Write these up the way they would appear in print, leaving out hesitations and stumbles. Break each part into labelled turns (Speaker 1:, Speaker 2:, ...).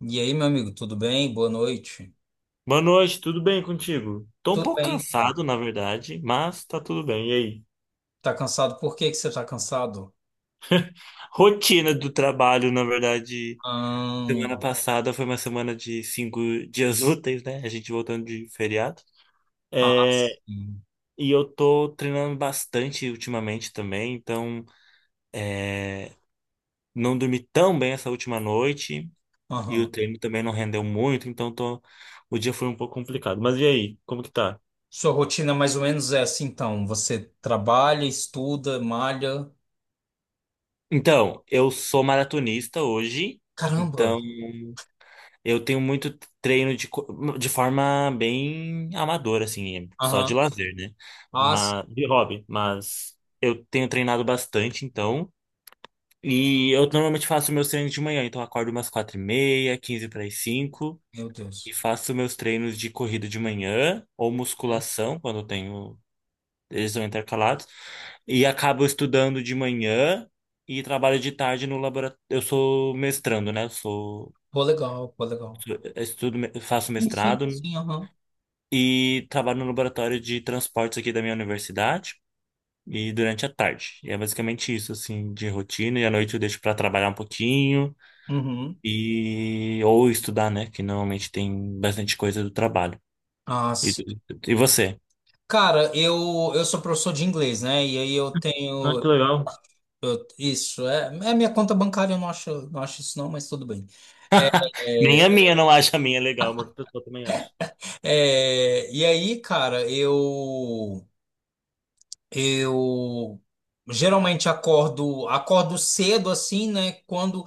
Speaker 1: E aí, meu amigo, tudo bem? Boa noite.
Speaker 2: Boa noite, tudo bem contigo? Tô um
Speaker 1: Tudo
Speaker 2: pouco
Speaker 1: bem, cara.
Speaker 2: cansado, na verdade, mas tá tudo bem. E aí?
Speaker 1: Tá cansado? Por que que você tá cansado?
Speaker 2: Rotina do trabalho, na verdade,
Speaker 1: Ah.
Speaker 2: semana passada foi uma semana de 5 dias úteis, né? A gente voltando de feriado.
Speaker 1: Ah,
Speaker 2: É,
Speaker 1: sim.
Speaker 2: e eu tô treinando bastante ultimamente também, então não dormi tão bem essa última noite e
Speaker 1: Aham.
Speaker 2: o treino também não rendeu muito, então tô, o dia foi um pouco complicado. Mas e aí? Como que tá?
Speaker 1: Sua rotina mais ou menos é assim, então. Você trabalha, estuda, malha.
Speaker 2: Então, eu sou maratonista hoje.
Speaker 1: Caramba!
Speaker 2: Então, eu tenho muito treino de forma bem amadora, assim, só de
Speaker 1: Aham.
Speaker 2: lazer, né?
Speaker 1: Ah, sim.
Speaker 2: Mas, de hobby, mas eu tenho treinado bastante, então. E eu normalmente faço meus treinos de manhã, então eu acordo umas 4h30, quinze para as cinco,
Speaker 1: Meu
Speaker 2: e
Speaker 1: Deus.
Speaker 2: faço meus treinos de corrida de manhã, ou
Speaker 1: Hum.
Speaker 2: musculação, quando eu tenho. Eles são intercalados. E acabo estudando de manhã e trabalho de tarde no laboratório. Eu sou mestrando, né?
Speaker 1: Pô, legal, pô, legal.
Speaker 2: Estudo, faço
Speaker 1: Sim, sim,
Speaker 2: mestrado
Speaker 1: sim, aham.
Speaker 2: e trabalho no laboratório de transportes aqui da minha universidade e durante a tarde. E é basicamente isso, assim, de rotina. E à noite eu deixo para trabalhar um pouquinho
Speaker 1: Uhum.
Speaker 2: e ou estudar, né? Que normalmente tem bastante coisa do trabalho.
Speaker 1: Ah,
Speaker 2: E,
Speaker 1: sim.
Speaker 2: e você?
Speaker 1: Cara, eu sou professor de inglês, né? E aí eu
Speaker 2: Ah,
Speaker 1: tenho.
Speaker 2: que legal.
Speaker 1: Isso, é minha conta bancária, eu não acho, não acho isso não, mas tudo bem. É,
Speaker 2: Nem
Speaker 1: é,
Speaker 2: a minha não acha a minha legal, mas outra pessoa também acha.
Speaker 1: e aí, cara, eu geralmente acordo cedo assim, né? Quando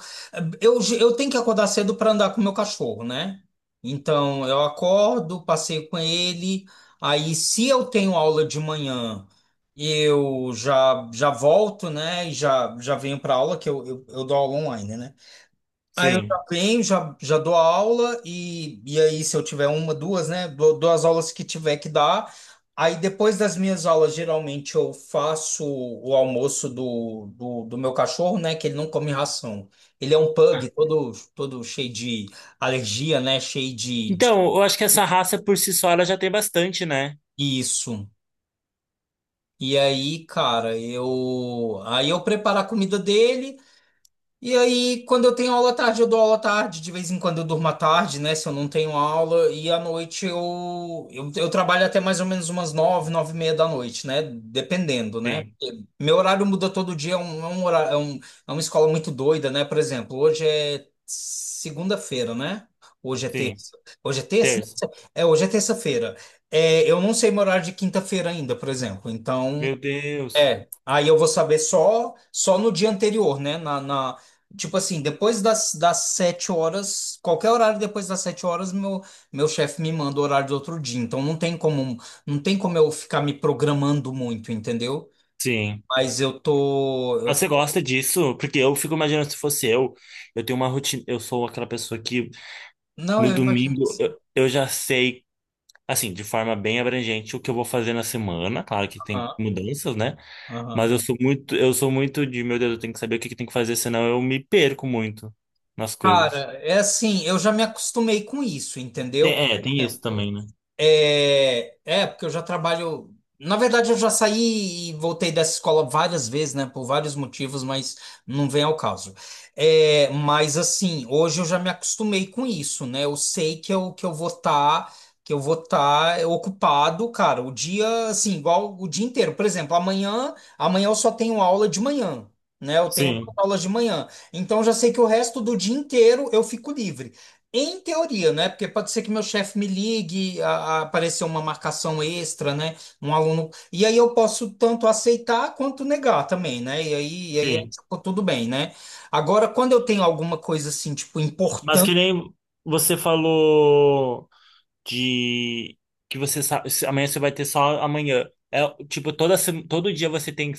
Speaker 1: eu tenho que acordar cedo para andar com o meu cachorro, né? Então eu acordo, passeio com ele. Aí, se eu tenho aula de manhã, eu já já volto, né? E já já venho para aula que eu dou aula online, né? Aí eu
Speaker 2: Sim.
Speaker 1: já venho, já dou a aula, e aí, se eu tiver uma, duas, né? Dou as aulas que tiver que dar. Aí, depois das minhas aulas, geralmente eu faço o almoço do meu cachorro, né? Que ele não come ração. Ele é um
Speaker 2: Ah.
Speaker 1: pug, todo, todo cheio de alergia, né? Cheio de.
Speaker 2: Então, eu acho que essa raça por si só ela já tem bastante, né?
Speaker 1: Isso. E aí, cara, eu. Aí eu preparo a comida dele. E aí, quando eu tenho aula à tarde, eu dou aula à tarde. De vez em quando eu durmo à tarde, né? Se eu não tenho aula. E à noite eu trabalho até mais ou menos umas nove, nove e meia da noite, né? Dependendo, né?
Speaker 2: Sim,
Speaker 1: Porque meu horário muda todo dia. Um horário. É uma escola muito doida, né? Por exemplo, hoje é segunda-feira, né? Hoje é
Speaker 2: sim.
Speaker 1: terça. Hoje é terça?
Speaker 2: Terça.
Speaker 1: É, hoje é terça-feira. É, eu não sei meu horário de quinta-feira ainda, por exemplo. Então.
Speaker 2: Meu Deus.
Speaker 1: É, aí eu vou saber só no dia anterior, né? Tipo assim, depois das 7 horas, qualquer horário depois das 7 horas, meu chefe me manda o horário do outro dia. Então não tem como eu ficar me programando muito, entendeu?
Speaker 2: Sim.
Speaker 1: Mas
Speaker 2: Ah,
Speaker 1: eu
Speaker 2: você
Speaker 1: tô
Speaker 2: gosta disso? Porque eu fico imaginando se fosse eu tenho uma rotina, eu sou aquela pessoa que
Speaker 1: Não,
Speaker 2: no
Speaker 1: eu imagino que
Speaker 2: domingo
Speaker 1: sim.
Speaker 2: eu já sei, assim, de forma bem abrangente o que eu vou fazer na semana. Claro que tem
Speaker 1: Aham,
Speaker 2: mudanças, né? Mas
Speaker 1: aham.
Speaker 2: eu sou muito de, meu Deus, eu tenho que saber o que que tem que fazer, senão eu me perco muito nas coisas.
Speaker 1: Cara, é assim, eu já me acostumei com isso, entendeu?
Speaker 2: É, tem isso também, né?
Speaker 1: Porque eu já trabalho. Na verdade, eu já saí e voltei dessa escola várias vezes, né? Por vários motivos, mas não vem ao caso. É, mas assim, hoje eu já me acostumei com isso, né? Eu sei que eu, que eu vou estar ocupado, cara, o dia, assim, igual o dia inteiro. Por exemplo, amanhã eu só tenho aula de manhã. Né, eu tenho duas
Speaker 2: Sim,
Speaker 1: aulas de manhã, então eu já sei que o resto do dia inteiro eu fico livre. Em teoria, né? Porque pode ser que meu chefe me ligue, a aparecer uma marcação extra, né? Um aluno. E aí eu posso tanto aceitar quanto negar também, né? E aí é,
Speaker 2: sim.
Speaker 1: tipo, tudo bem, né? Agora, quando eu tenho alguma coisa assim, tipo,
Speaker 2: Mas que nem você falou de que você sabe, amanhã você vai ter só amanhã. É, tipo, toda, todo dia você tem.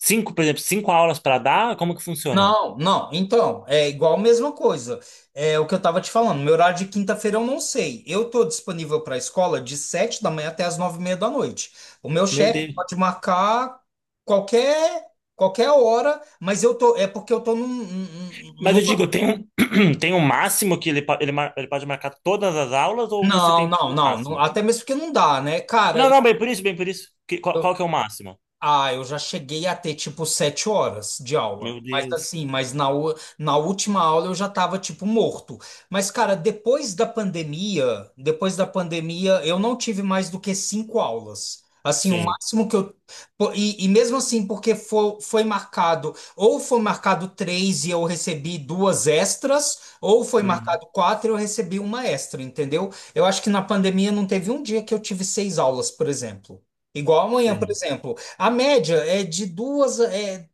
Speaker 2: Cinco, por exemplo, cinco aulas para dar? Como que funciona?
Speaker 1: Não, não. Então, é igual a mesma coisa. É o que eu estava te falando. Meu horário de quinta-feira eu não sei. Eu tô disponível para a escola de sete da manhã até as nove e meia da noite. O meu
Speaker 2: Meu
Speaker 1: chefe
Speaker 2: Deus.
Speaker 1: pode marcar qualquer qualquer hora, mas eu tô é porque eu tô num,
Speaker 2: Mas
Speaker 1: num-
Speaker 2: eu digo, tem um, tem um máximo que ele pode marcar todas as aulas ou você
Speaker 1: não,
Speaker 2: tem tipo
Speaker 1: não,
Speaker 2: um
Speaker 1: não, não.
Speaker 2: máximo?
Speaker 1: Até mesmo porque não dá, né, cara?
Speaker 2: Não, não, bem por isso, bem por isso. Qual que é o máximo?
Speaker 1: Ah, eu já cheguei a ter tipo 7 horas de aula.
Speaker 2: Meu
Speaker 1: Mas
Speaker 2: Deus.
Speaker 1: assim, mas na, na última aula eu já tava tipo morto. Mas, cara, depois da pandemia, eu não tive mais do que cinco aulas. Assim, o
Speaker 2: Sim.
Speaker 1: máximo que eu. E mesmo assim, porque foi, foi marcado, ou foi marcado três e eu recebi duas extras, ou foi
Speaker 2: Uhum.
Speaker 1: marcado quatro e eu recebi uma extra, entendeu? Eu acho que na pandemia não teve um dia que eu tive seis aulas, por exemplo. Igual amanhã, por
Speaker 2: Sim,
Speaker 1: exemplo. A média é de duas, é,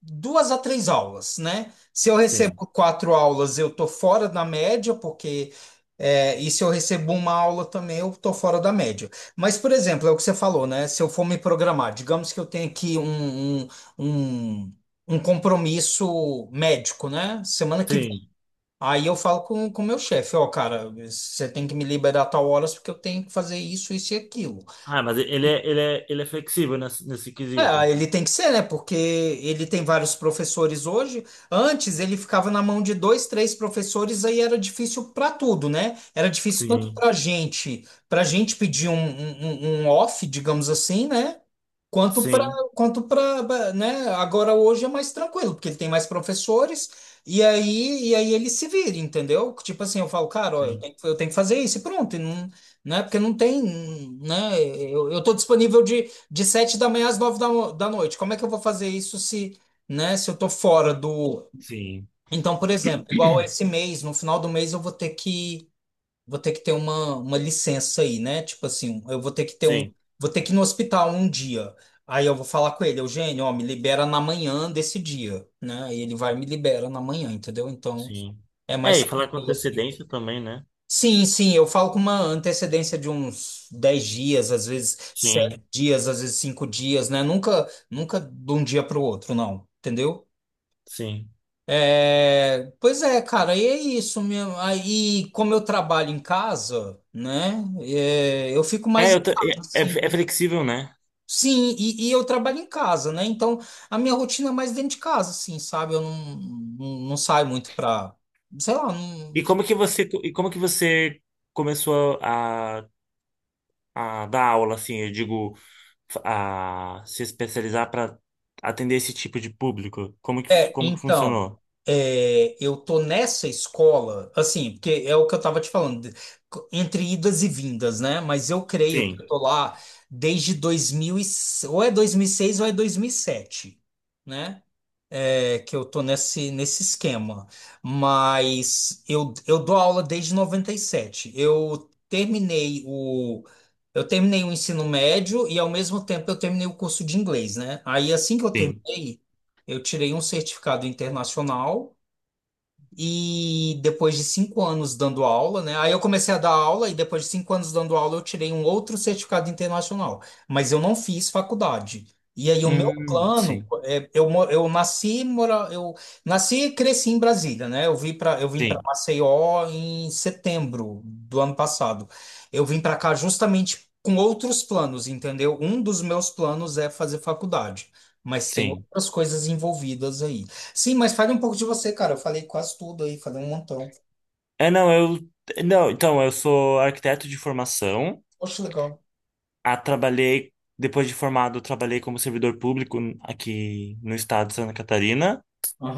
Speaker 1: duas a três aulas, né? Se eu
Speaker 2: sim,
Speaker 1: recebo quatro aulas, eu tô fora da média, porque. É, e se eu recebo uma aula também, eu tô fora da média. Mas, por exemplo, é o que você falou, né? Se eu for me programar, digamos que eu tenha aqui um, um compromisso médico, né? Semana que vem.
Speaker 2: sim.
Speaker 1: Aí eu falo com o meu chefe, ó, cara, você tem que me liberar a tal horas porque eu tenho que fazer isso, isso e aquilo.
Speaker 2: Ah, mas ele é flexível nesse quesito.
Speaker 1: É, ele tem que ser, né? Porque ele tem vários professores hoje. Antes ele ficava na mão de dois, três professores, aí era difícil para tudo, né? Era difícil tanto
Speaker 2: Sim,
Speaker 1: para gente pedir um off, digamos assim, né? Quanto para,
Speaker 2: sim,
Speaker 1: quanto para, né? Agora hoje é mais tranquilo, porque ele tem mais professores e aí ele se vira, entendeu? Tipo assim, eu falo, cara, ó, eu
Speaker 2: sim,
Speaker 1: tenho, eu tenho que fazer isso e pronto. E não, né? Porque não tem, né? Eu tô disponível de sete da manhã às nove da noite. Como é que eu vou fazer isso se, né, se eu tô fora do.
Speaker 2: sim,
Speaker 1: Então, por exemplo, igual esse mês, no final do mês eu vou ter que ter uma licença aí, né? Tipo assim, eu vou ter que ter um,
Speaker 2: sim,
Speaker 1: vou ter que ir no hospital um dia. Aí eu vou falar com ele, Eugênio, ó, me libera na manhã desse dia, né? E ele vai e me libera na manhã, entendeu? Então,
Speaker 2: sim.
Speaker 1: é
Speaker 2: É,
Speaker 1: mais
Speaker 2: e falar com
Speaker 1: tranquilo assim.
Speaker 2: antecedência também, né?
Speaker 1: Sim, sim, eu falo com uma antecedência de uns 10 dias, às vezes 7
Speaker 2: Sim,
Speaker 1: dias, às vezes 5 dias, né? Nunca, nunca de um dia para o outro, não, entendeu?
Speaker 2: sim.
Speaker 1: É, pois é, cara, e é isso mesmo. Aí, como eu trabalho em casa, né? É, eu fico
Speaker 2: É,
Speaker 1: mais em casa,
Speaker 2: é
Speaker 1: assim.
Speaker 2: flexível, né?
Speaker 1: Sim, e eu trabalho em casa, né? Então, a minha rotina é mais dentro de casa, assim, sabe? Eu não, não, não saio muito pra, sei lá, não.
Speaker 2: E como que você começou a dar aula assim, eu digo, a se especializar para atender esse tipo de público? Como que
Speaker 1: É,
Speaker 2: como que
Speaker 1: então,
Speaker 2: funcionou?
Speaker 1: eu tô nessa escola, assim, porque é o que eu tava te falando, entre idas e vindas, né? Mas eu creio que eu
Speaker 2: Sim,
Speaker 1: tô lá desde ou é 2006 ou é 2007, né? Que eu tô nesse esquema. Mas eu dou aula desde 97. Eu terminei o ensino médio e, ao mesmo tempo, eu terminei o curso de inglês, né? Aí, assim que eu
Speaker 2: sim.
Speaker 1: terminei, eu tirei um certificado internacional. E depois de 5 anos dando aula, né? Aí eu comecei a dar aula e depois de cinco anos dando aula eu tirei um outro certificado internacional. Mas eu não fiz faculdade. E aí o meu plano,
Speaker 2: Sim,
Speaker 1: é, eu, mo- eu nasci, mora, eu nasci e cresci em Brasília, né? Eu vim para
Speaker 2: sim,
Speaker 1: Maceió em setembro do ano passado. Eu vim para cá justamente com outros planos, entendeu? Um dos meus planos é fazer faculdade, mas tem
Speaker 2: sim.
Speaker 1: outras coisas envolvidas aí. Sim, mas fale um pouco de você, cara. Eu falei quase tudo aí, falei um montão.
Speaker 2: É, não, eu não, então eu sou arquiteto de formação.
Speaker 1: Poxa, legal.
Speaker 2: Ah, trabalhei depois de formado, eu trabalhei como servidor público aqui no estado de Santa Catarina,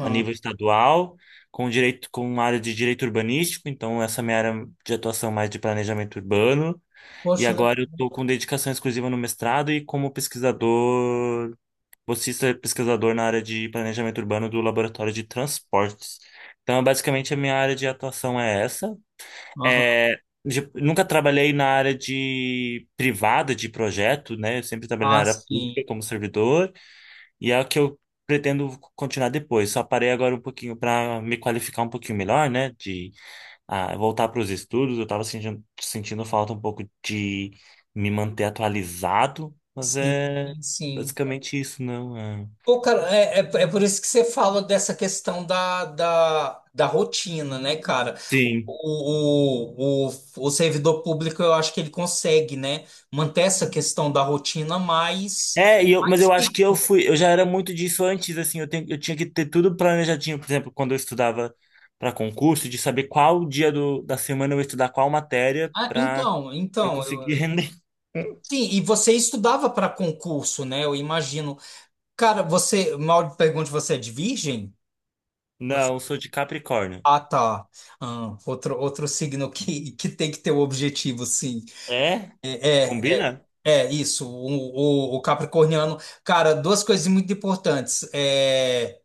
Speaker 2: a nível estadual, com direito, com uma área de direito urbanístico, então essa é a minha área de atuação é mais de planejamento urbano. E
Speaker 1: Poxa, legal.
Speaker 2: agora eu estou com dedicação exclusiva no mestrado e como pesquisador, bolsista pesquisador na área de planejamento urbano do Laboratório de Transportes. Então, basicamente, a minha área de atuação é essa.
Speaker 1: Aham.
Speaker 2: É, nunca trabalhei na área de privada de projeto, né? Eu sempre trabalhei na
Speaker 1: Ah,
Speaker 2: área
Speaker 1: sim.
Speaker 2: pública como servidor. E é o que eu pretendo continuar depois. Só parei agora um pouquinho para me qualificar um pouquinho melhor, né? De voltar para os estudos. Eu estava sentindo falta um pouco de me manter atualizado, mas
Speaker 1: Sim,
Speaker 2: é
Speaker 1: sim, sim.
Speaker 2: basicamente isso, não é?
Speaker 1: Pô, cara, é por isso que você fala dessa questão da rotina, né, cara?
Speaker 2: Sim.
Speaker 1: O servidor público, eu acho que ele consegue, né, manter essa questão da rotina mais,
Speaker 2: É, mas
Speaker 1: mais
Speaker 2: eu acho
Speaker 1: fixa.
Speaker 2: que eu fui, eu já era
Speaker 1: porque-
Speaker 2: muito disso antes, assim, eu tinha que ter tudo planejadinho, por exemplo, quando eu estudava para concurso, de saber qual dia do, da semana eu ia estudar qual matéria para eu
Speaker 1: Então,
Speaker 2: conseguir render.
Speaker 1: sim, e você estudava para concurso, né? Eu imagino. Cara, você, mal pergunte, você é de virgem? Você-
Speaker 2: Não, eu sou de Capricórnio.
Speaker 1: Ah, tá. Ah, outro, outro signo que tem que ter o objetivo, sim.
Speaker 2: É?
Speaker 1: É,
Speaker 2: Combina?
Speaker 1: é isso. O capricorniano. Cara, duas coisas muito importantes: é,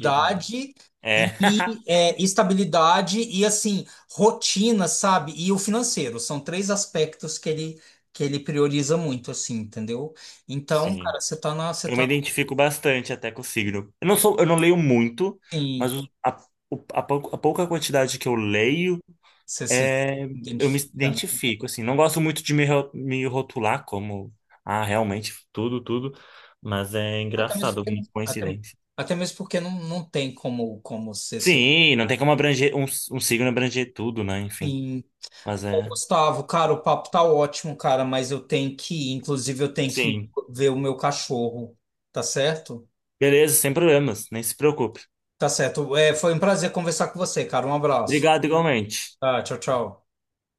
Speaker 2: Uhum. É.
Speaker 1: e assim, rotina, sabe? E o financeiro. São três aspectos que ele prioriza muito, assim, entendeu? Então,
Speaker 2: Sim.
Speaker 1: cara, você
Speaker 2: Eu
Speaker 1: tá
Speaker 2: me
Speaker 1: no
Speaker 2: identifico bastante até com o signo. Eu não sou, eu não leio muito,
Speaker 1: fim.
Speaker 2: mas a pouca quantidade que eu leio,
Speaker 1: Você se
Speaker 2: é, eu me
Speaker 1: identifica.
Speaker 2: identifico, assim. Não gosto muito de me rotular como, realmente, tudo, tudo. Mas é
Speaker 1: Até mesmo
Speaker 2: engraçado
Speaker 1: porque,
Speaker 2: algumas
Speaker 1: até,
Speaker 2: coincidências.
Speaker 1: até mesmo porque não, não tem como ser seu.
Speaker 2: Sim, não tem como abranger, um signo abranger tudo, né? Enfim.
Speaker 1: Sim.
Speaker 2: Mas
Speaker 1: Ô,
Speaker 2: é.
Speaker 1: Gustavo, cara, o papo tá ótimo, cara, mas eu tenho que ir. Inclusive, eu tenho que ir
Speaker 2: Sim.
Speaker 1: ver o meu cachorro. Tá certo?
Speaker 2: Beleza, sem problemas. Nem se preocupe.
Speaker 1: Tá certo. É, foi um prazer conversar com você, cara. Um abraço.
Speaker 2: Obrigado igualmente.
Speaker 1: Tá, tchau, tchau.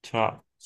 Speaker 2: Tchau.